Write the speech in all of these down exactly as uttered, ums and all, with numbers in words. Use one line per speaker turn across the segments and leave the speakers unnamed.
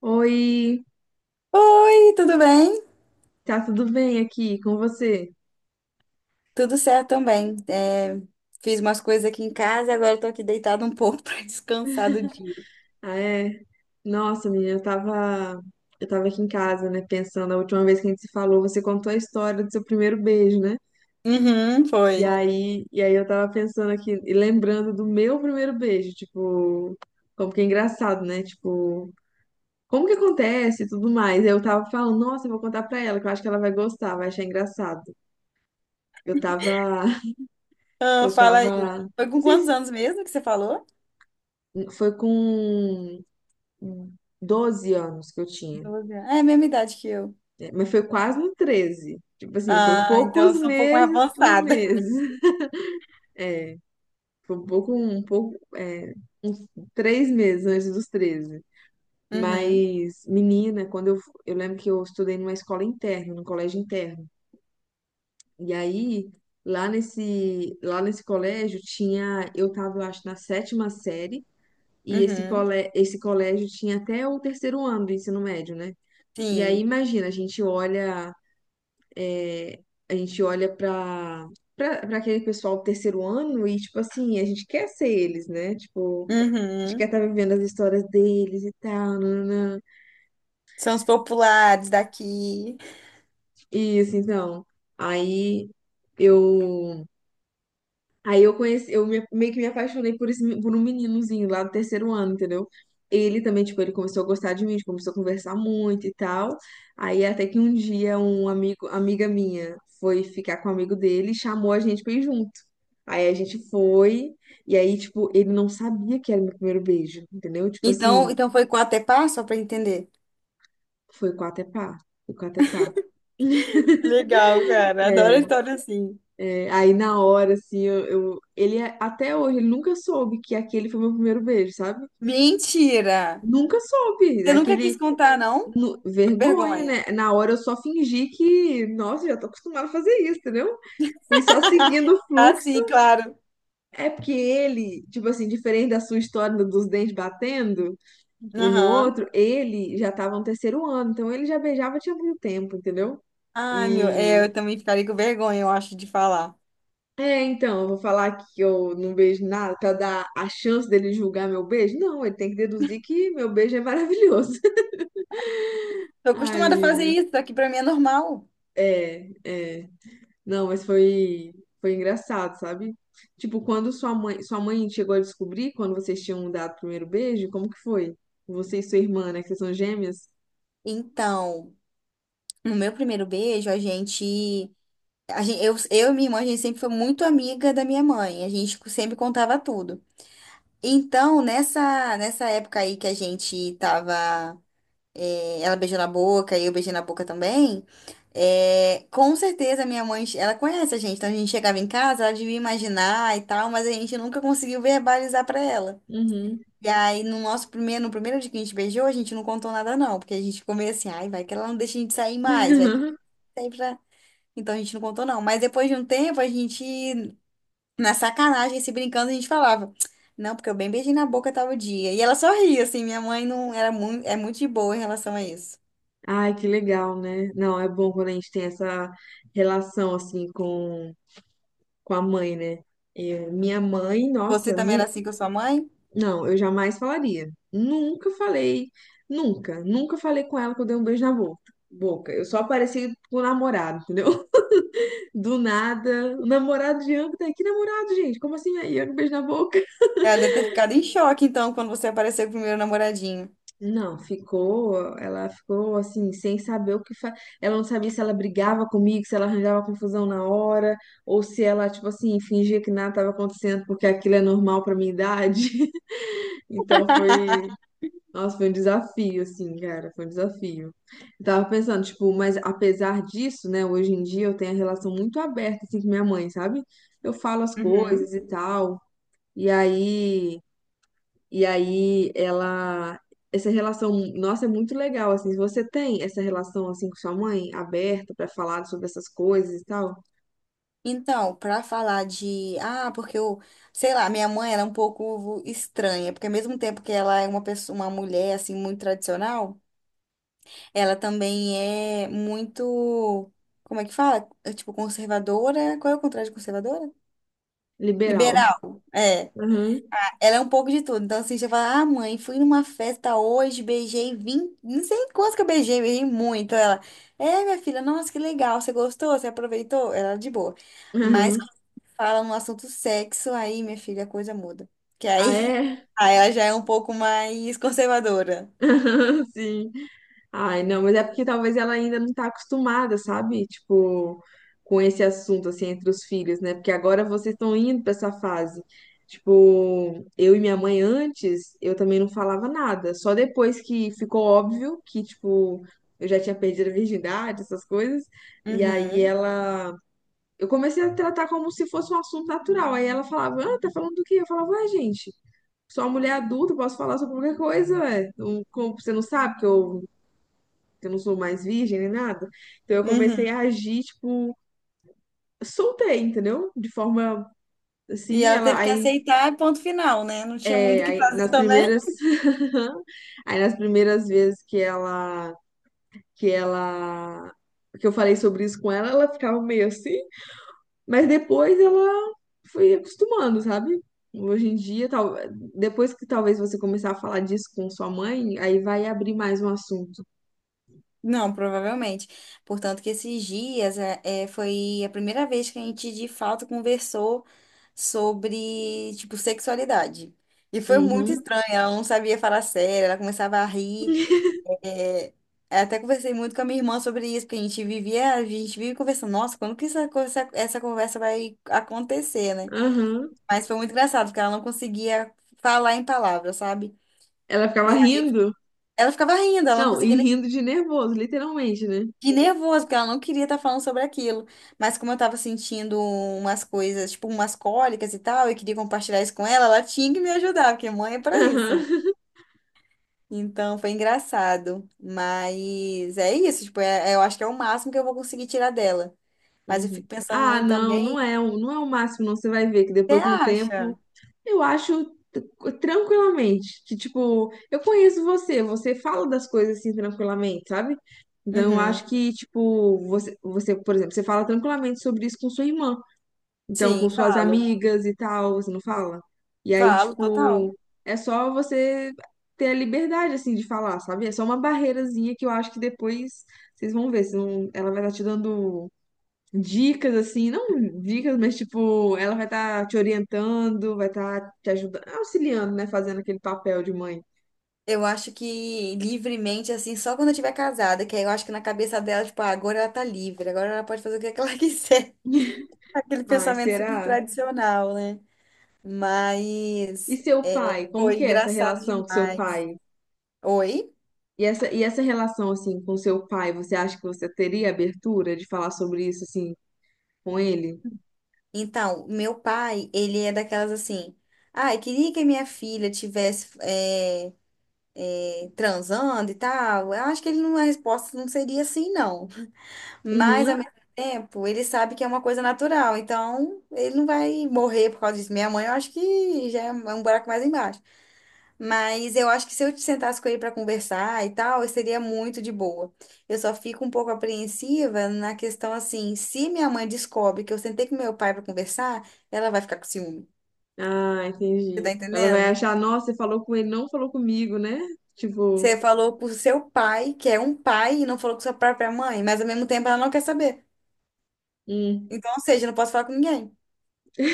Oi,
Oi, tudo bem?
tá tudo bem aqui com você?
Tudo certo também. É, fiz umas coisas aqui em casa e agora eu tô aqui deitada um pouco pra descansar do dia.
Ah, é? Nossa, menina, eu tava, eu tava aqui em casa, né, pensando, a última vez que a gente se falou, você contou a história do seu primeiro beijo, né?
Uhum,
E
foi.
aí, e aí eu tava pensando aqui e lembrando do meu primeiro beijo, tipo, como que é engraçado, né? Tipo, como que acontece e tudo mais. Eu tava falando, nossa, eu vou contar pra ela, que eu acho que ela vai gostar, vai achar engraçado. Eu tava,
Ah,
eu
fala aí.
tava,
Foi
não
com
sei
quantos
se
anos mesmo que você falou?
foi com doze anos que eu tinha.
Doze anos. É a mesma idade que eu.
É, mas foi quase no treze, tipo assim, foi
Ah, então eu
poucos
sou um pouco mais
meses por
avançada.
mês. É, foi um pouco, um pouco, é, uns três meses antes dos treze.
Uhum,
Mas, menina, quando eu, eu lembro que eu estudei numa escola interna, num colégio interno. E aí, lá nesse, lá nesse colégio tinha, eu tava, eu acho, na sétima série. E esse,
uhum,
cole, esse colégio tinha até o terceiro ano do ensino médio, né? E aí,
sim.
imagina, a gente olha a gente olha pra pra pra aquele pessoal do terceiro ano e, tipo assim, a gente quer ser eles, né? Tipo, a gente quer
Uhum.
estar vivendo as histórias deles e tal, nananã.
São os populares daqui.
Isso, então. Aí eu. Aí eu conheci, eu me- meio que me apaixonei por esse, me- por um meninozinho lá do terceiro ano, entendeu? Ele também, tipo, ele começou a gostar de mim, a gente começou a conversar muito e tal. Aí até que um dia um amigo, amiga minha foi ficar com um amigo dele e chamou a gente pra ir junto. Aí a gente foi, e aí, tipo, ele não sabia que era meu primeiro beijo, entendeu? Tipo assim,
Então, então foi quatro até passo, só pra entender.
foi com até pá, foi com até pá.
Legal, cara. Adoro
É,
história assim.
é, aí na hora, assim, eu, eu- ele é- até hoje, ele nunca soube que aquele foi meu primeiro beijo, sabe?
Mentira!
Nunca soube,
Você nunca
aquele,
quis contar, não?
nu- vergonha,
Vergonha.
né? Na hora eu só fingi que, nossa, já tô acostumada a fazer isso, entendeu? Fui só seguindo o
Ah,
fluxo.
sim, claro.
É porque ele, tipo assim, diferente da sua história dos dentes batendo, um no
Aham.
outro, ele já estava no terceiro ano, então ele já beijava tinha muito tempo, entendeu?
Ai, meu,
E
é, eu também ficaria com vergonha, eu acho, de falar.
é, então, eu vou falar que eu não beijo nada pra dar a chance dele julgar meu beijo? Não, ele tem que deduzir que meu beijo é maravilhoso.
Tô
Ai,
acostumada a fazer
menina.
isso, aqui pra mim é normal.
É, é. Não, mas foi foi engraçado, sabe? Tipo, quando sua mãe, sua mãe chegou a descobrir quando vocês tinham dado o primeiro beijo, como que foi? Você e sua irmã, né, que vocês são gêmeas?
Então, no meu primeiro beijo, a gente, a gente, eu, eu e minha irmã, a gente sempre foi muito amiga da minha mãe. A gente sempre contava tudo. Então, nessa, nessa época aí que a gente tava é, ela beijou na boca e eu beijei na boca também. É, com certeza minha mãe, ela conhece a gente, então a gente chegava em casa, ela devia imaginar e tal, mas a gente nunca conseguiu verbalizar pra ela.
Uhum.
E aí, no nosso primeiro, no primeiro dia que a gente beijou, a gente não contou nada não, porque a gente ficou meio assim, ai, vai que ela não deixa a gente sair mais, vai que ela sai pra. Então a gente não contou não. Mas depois de um tempo, a gente, na sacanagem, se brincando, a gente falava, não, porque eu bem beijei na boca tal dia. E ela sorria, assim, minha mãe não era muito, é muito de boa em relação a isso.
Ai, que legal, né? Não, é bom quando a gente tem essa relação assim com, com a mãe, né? Eu- minha mãe,
Você
nossa,
também
nu-
era assim com a sua mãe?
não, eu jamais falaria. Nunca falei, nunca, nunca falei com ela que eu dei um beijo na boca. Boca, eu só apareci com o namorado, entendeu? Do nada, o namorado de âmbito, que namorado, gente? Como assim aí? Eu dei um beijo na boca?
Ela deve ter ficado em choque, então, quando você apareceu com o primeiro namoradinho.
Não, ficou, ela ficou assim, sem saber o que fa... Ela não sabia se ela brigava comigo, se ela arranjava confusão na hora, ou se ela, tipo assim, fingia que nada estava acontecendo porque aquilo é normal pra minha idade. Então foi, nossa, foi um desafio, assim, cara, foi um desafio. Eu tava pensando, tipo, mas apesar disso, né, hoje em dia eu tenho a relação muito aberta, assim, com minha mãe, sabe? Eu falo as
Uhum.
coisas e tal, e aí. E aí ela Essa relação, nossa, é muito legal assim. Se você tem essa relação assim com sua mãe aberta pra falar sobre essas coisas e tal?
Então, pra falar de. Ah, porque eu. Sei lá, minha mãe era um pouco estranha, porque ao mesmo tempo que ela é uma pessoa, uma mulher, assim, muito tradicional, ela também é muito. Como é que fala? É, tipo, conservadora. Qual é o contrário de conservadora?
Liberal.
Liberal. É.
Aham.
Ela é um pouco de tudo. Então, assim, você fala, ah, mãe, fui numa festa hoje, beijei vinte, não sei quantos que eu beijei, beijei muito. Ela, é, minha filha, nossa, que legal, você gostou, você aproveitou? Ela de boa. Mas
Aham.
quando fala no assunto sexo, aí, minha filha, a coisa muda. Que
Ah,
aí,
é?
aí ela já é um pouco mais conservadora.
Aham, sim. Ai, não, mas é porque talvez ela ainda não tá acostumada, sabe? Tipo, com esse assunto, assim, entre os filhos, né? Porque agora vocês estão indo pra essa fase. Tipo, eu e minha mãe antes, eu também não falava nada. Só depois que ficou óbvio que, tipo, eu já tinha perdido a virgindade, essas coisas. E aí
Uhum,
ela. Eu comecei a tratar como se fosse um assunto natural. Aí ela falava, ah, tá falando do quê? Eu falava, ah, gente. Sou uma mulher adulta, posso falar sobre qualquer coisa, ué. Não- como- Você não sabe que eu que eu não sou mais virgem nem nada. Então eu comecei
uhum.
a agir, tipo, soltei, entendeu? De forma
E
assim,
ela
ela
teve que
aí,
aceitar, ponto final, né? Não tinha muito o
é,
que
aí
fazer
nas
também.
primeiras aí nas primeiras vezes que ela que ela que eu falei sobre isso com ela, ela ficava meio assim, mas depois ela foi acostumando, sabe? Hoje em dia, tal, depois que talvez você começar a falar disso com sua mãe, aí vai abrir mais um assunto.
Não, provavelmente. Portanto, que esses dias é, é, foi a primeira vez que a gente de fato conversou sobre, tipo, sexualidade. E foi muito
Uhum,
estranho, ela não sabia falar sério, ela começava a rir. É, eu até conversei muito com a minha irmã sobre isso, porque a gente vivia, a gente vive conversando, nossa, quando que essa, conversa- essa conversa vai acontecer, né?
aham.
Mas foi muito engraçado, porque ela não conseguia falar em palavras, sabe?
Ela ficava
E
rindo.
ela ficava rindo, ela não
Não, e
conseguia nem.
rindo de nervoso, literalmente, né?
Que nervoso, porque ela não queria estar falando sobre aquilo. Mas como eu tava sentindo umas coisas, tipo umas cólicas e tal, eu queria compartilhar isso com ela, ela tinha que me ajudar, porque mãe é pra isso.
Aham.
Então foi engraçado. Mas é isso, tipo, é- é- eu acho que é o máximo que eu vou conseguir tirar dela. Mas eu
Uhum.
fico pensando
Ah,
muito
não, não
também.
é, o- não é o máximo, não. Você vai ver que
Você
depois, com o tempo,
acha?
eu acho t- tranquilamente que, tipo, eu conheço você, você fala das coisas assim tranquilamente, sabe? Então, eu acho
Uhum.
que, tipo, você, você, por exemplo, você fala tranquilamente sobre isso com sua irmã. Então, com
Sim,
suas
falo.
amigas e tal, você não fala? E aí,
Falo, total.
tipo, é só você ter a liberdade, assim, de falar, sabe? É só uma barreirazinha que eu acho que depois vocês vão ver. vocês vão- Ela vai estar te dando dicas, assim, não dicas, mas, tipo, ela vai estar te orientando, vai estar te ajudando, auxiliando, né? Fazendo aquele papel de mãe.
Eu acho que livremente, assim, só quando eu estiver casada, que aí eu acho que na cabeça dela, tipo, ah, agora ela tá livre, agora ela pode fazer o que ela quiser. Aquele
Ai,
pensamento super
será?
tradicional, né?
E
Mas
seu pai? Como
foi
que é essa
engraçado
relação com seu
demais.
pai?
Oi?
E essa, e essa relação, assim, com seu pai, você acha que você teria abertura de falar sobre isso, assim, com ele?
Então, meu pai, ele é daquelas assim. Ai, queria que a minha filha tivesse é, transando e tal. Eu acho que ele não, a resposta não seria assim, não. Mas,
Uhum.
ao mesmo tempo, ele sabe que é uma coisa natural. Então, ele não vai morrer por causa disso. Minha mãe, eu acho que já é um buraco mais embaixo. Mas eu acho que se eu te sentasse com ele para conversar e tal, eu seria muito de boa. Eu só fico um pouco apreensiva na questão assim, se minha mãe descobre que eu sentei com meu pai para conversar, ela vai ficar com ciúme.
Ah,
Você
entendi.
tá
Ela vai
entendendo?
achar, nossa, você falou com ele, não falou comigo, né? Tipo,
Você falou pro seu pai, que é um pai, e não falou com sua própria mãe, mas ao mesmo tempo ela não quer saber.
hum,
Então, ou seja, eu não posso falar com ninguém.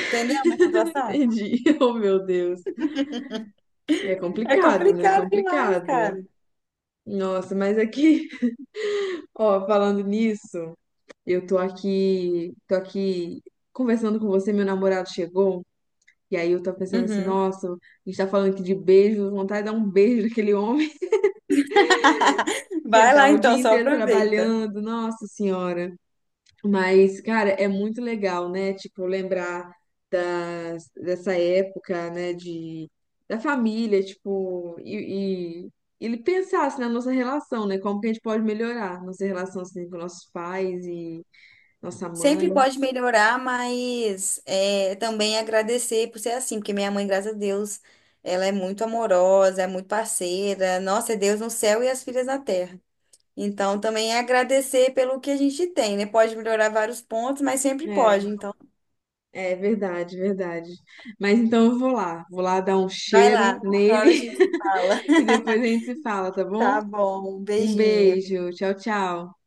Entendeu a minha situação?
entendi. Oh, meu Deus. É
É
complicado, né?
complicado demais,
Complicado.
cara.
Nossa, mas aqui, ó, falando nisso, eu tô aqui, tô aqui conversando com você, meu namorado chegou, e aí eu tô pensando assim,
Uhum.
nossa, a gente tá falando aqui de beijo, vontade de dar um beijo naquele homem. Que ele
Vai lá
tava o
então,
dia
só
inteiro
aproveita.
trabalhando, nossa senhora. Mas, cara, é muito legal, né? Tipo, lembrar das, dessa época, né? De, da família, tipo, e, e ele pensasse na nossa relação, né? Como que a gente pode melhorar nossa relação assim, com nossos pais e nossa
Sempre
mãe.
pode melhorar, mas é, também agradecer por ser assim, porque minha mãe, graças a Deus, ela é muito amorosa, é muito parceira. Nossa, é Deus no céu e as filhas na terra. Então, também é agradecer pelo que a gente tem, né? Pode melhorar vários pontos, mas sempre
É,
pode. Então,
é verdade, verdade. Mas então eu vou lá, vou lá dar um
vai
cheiro
lá, outra hora a
nele
gente se fala.
e depois a gente se fala, tá bom?
Tá bom, um
Um
beijinho.
beijo, tchau, tchau.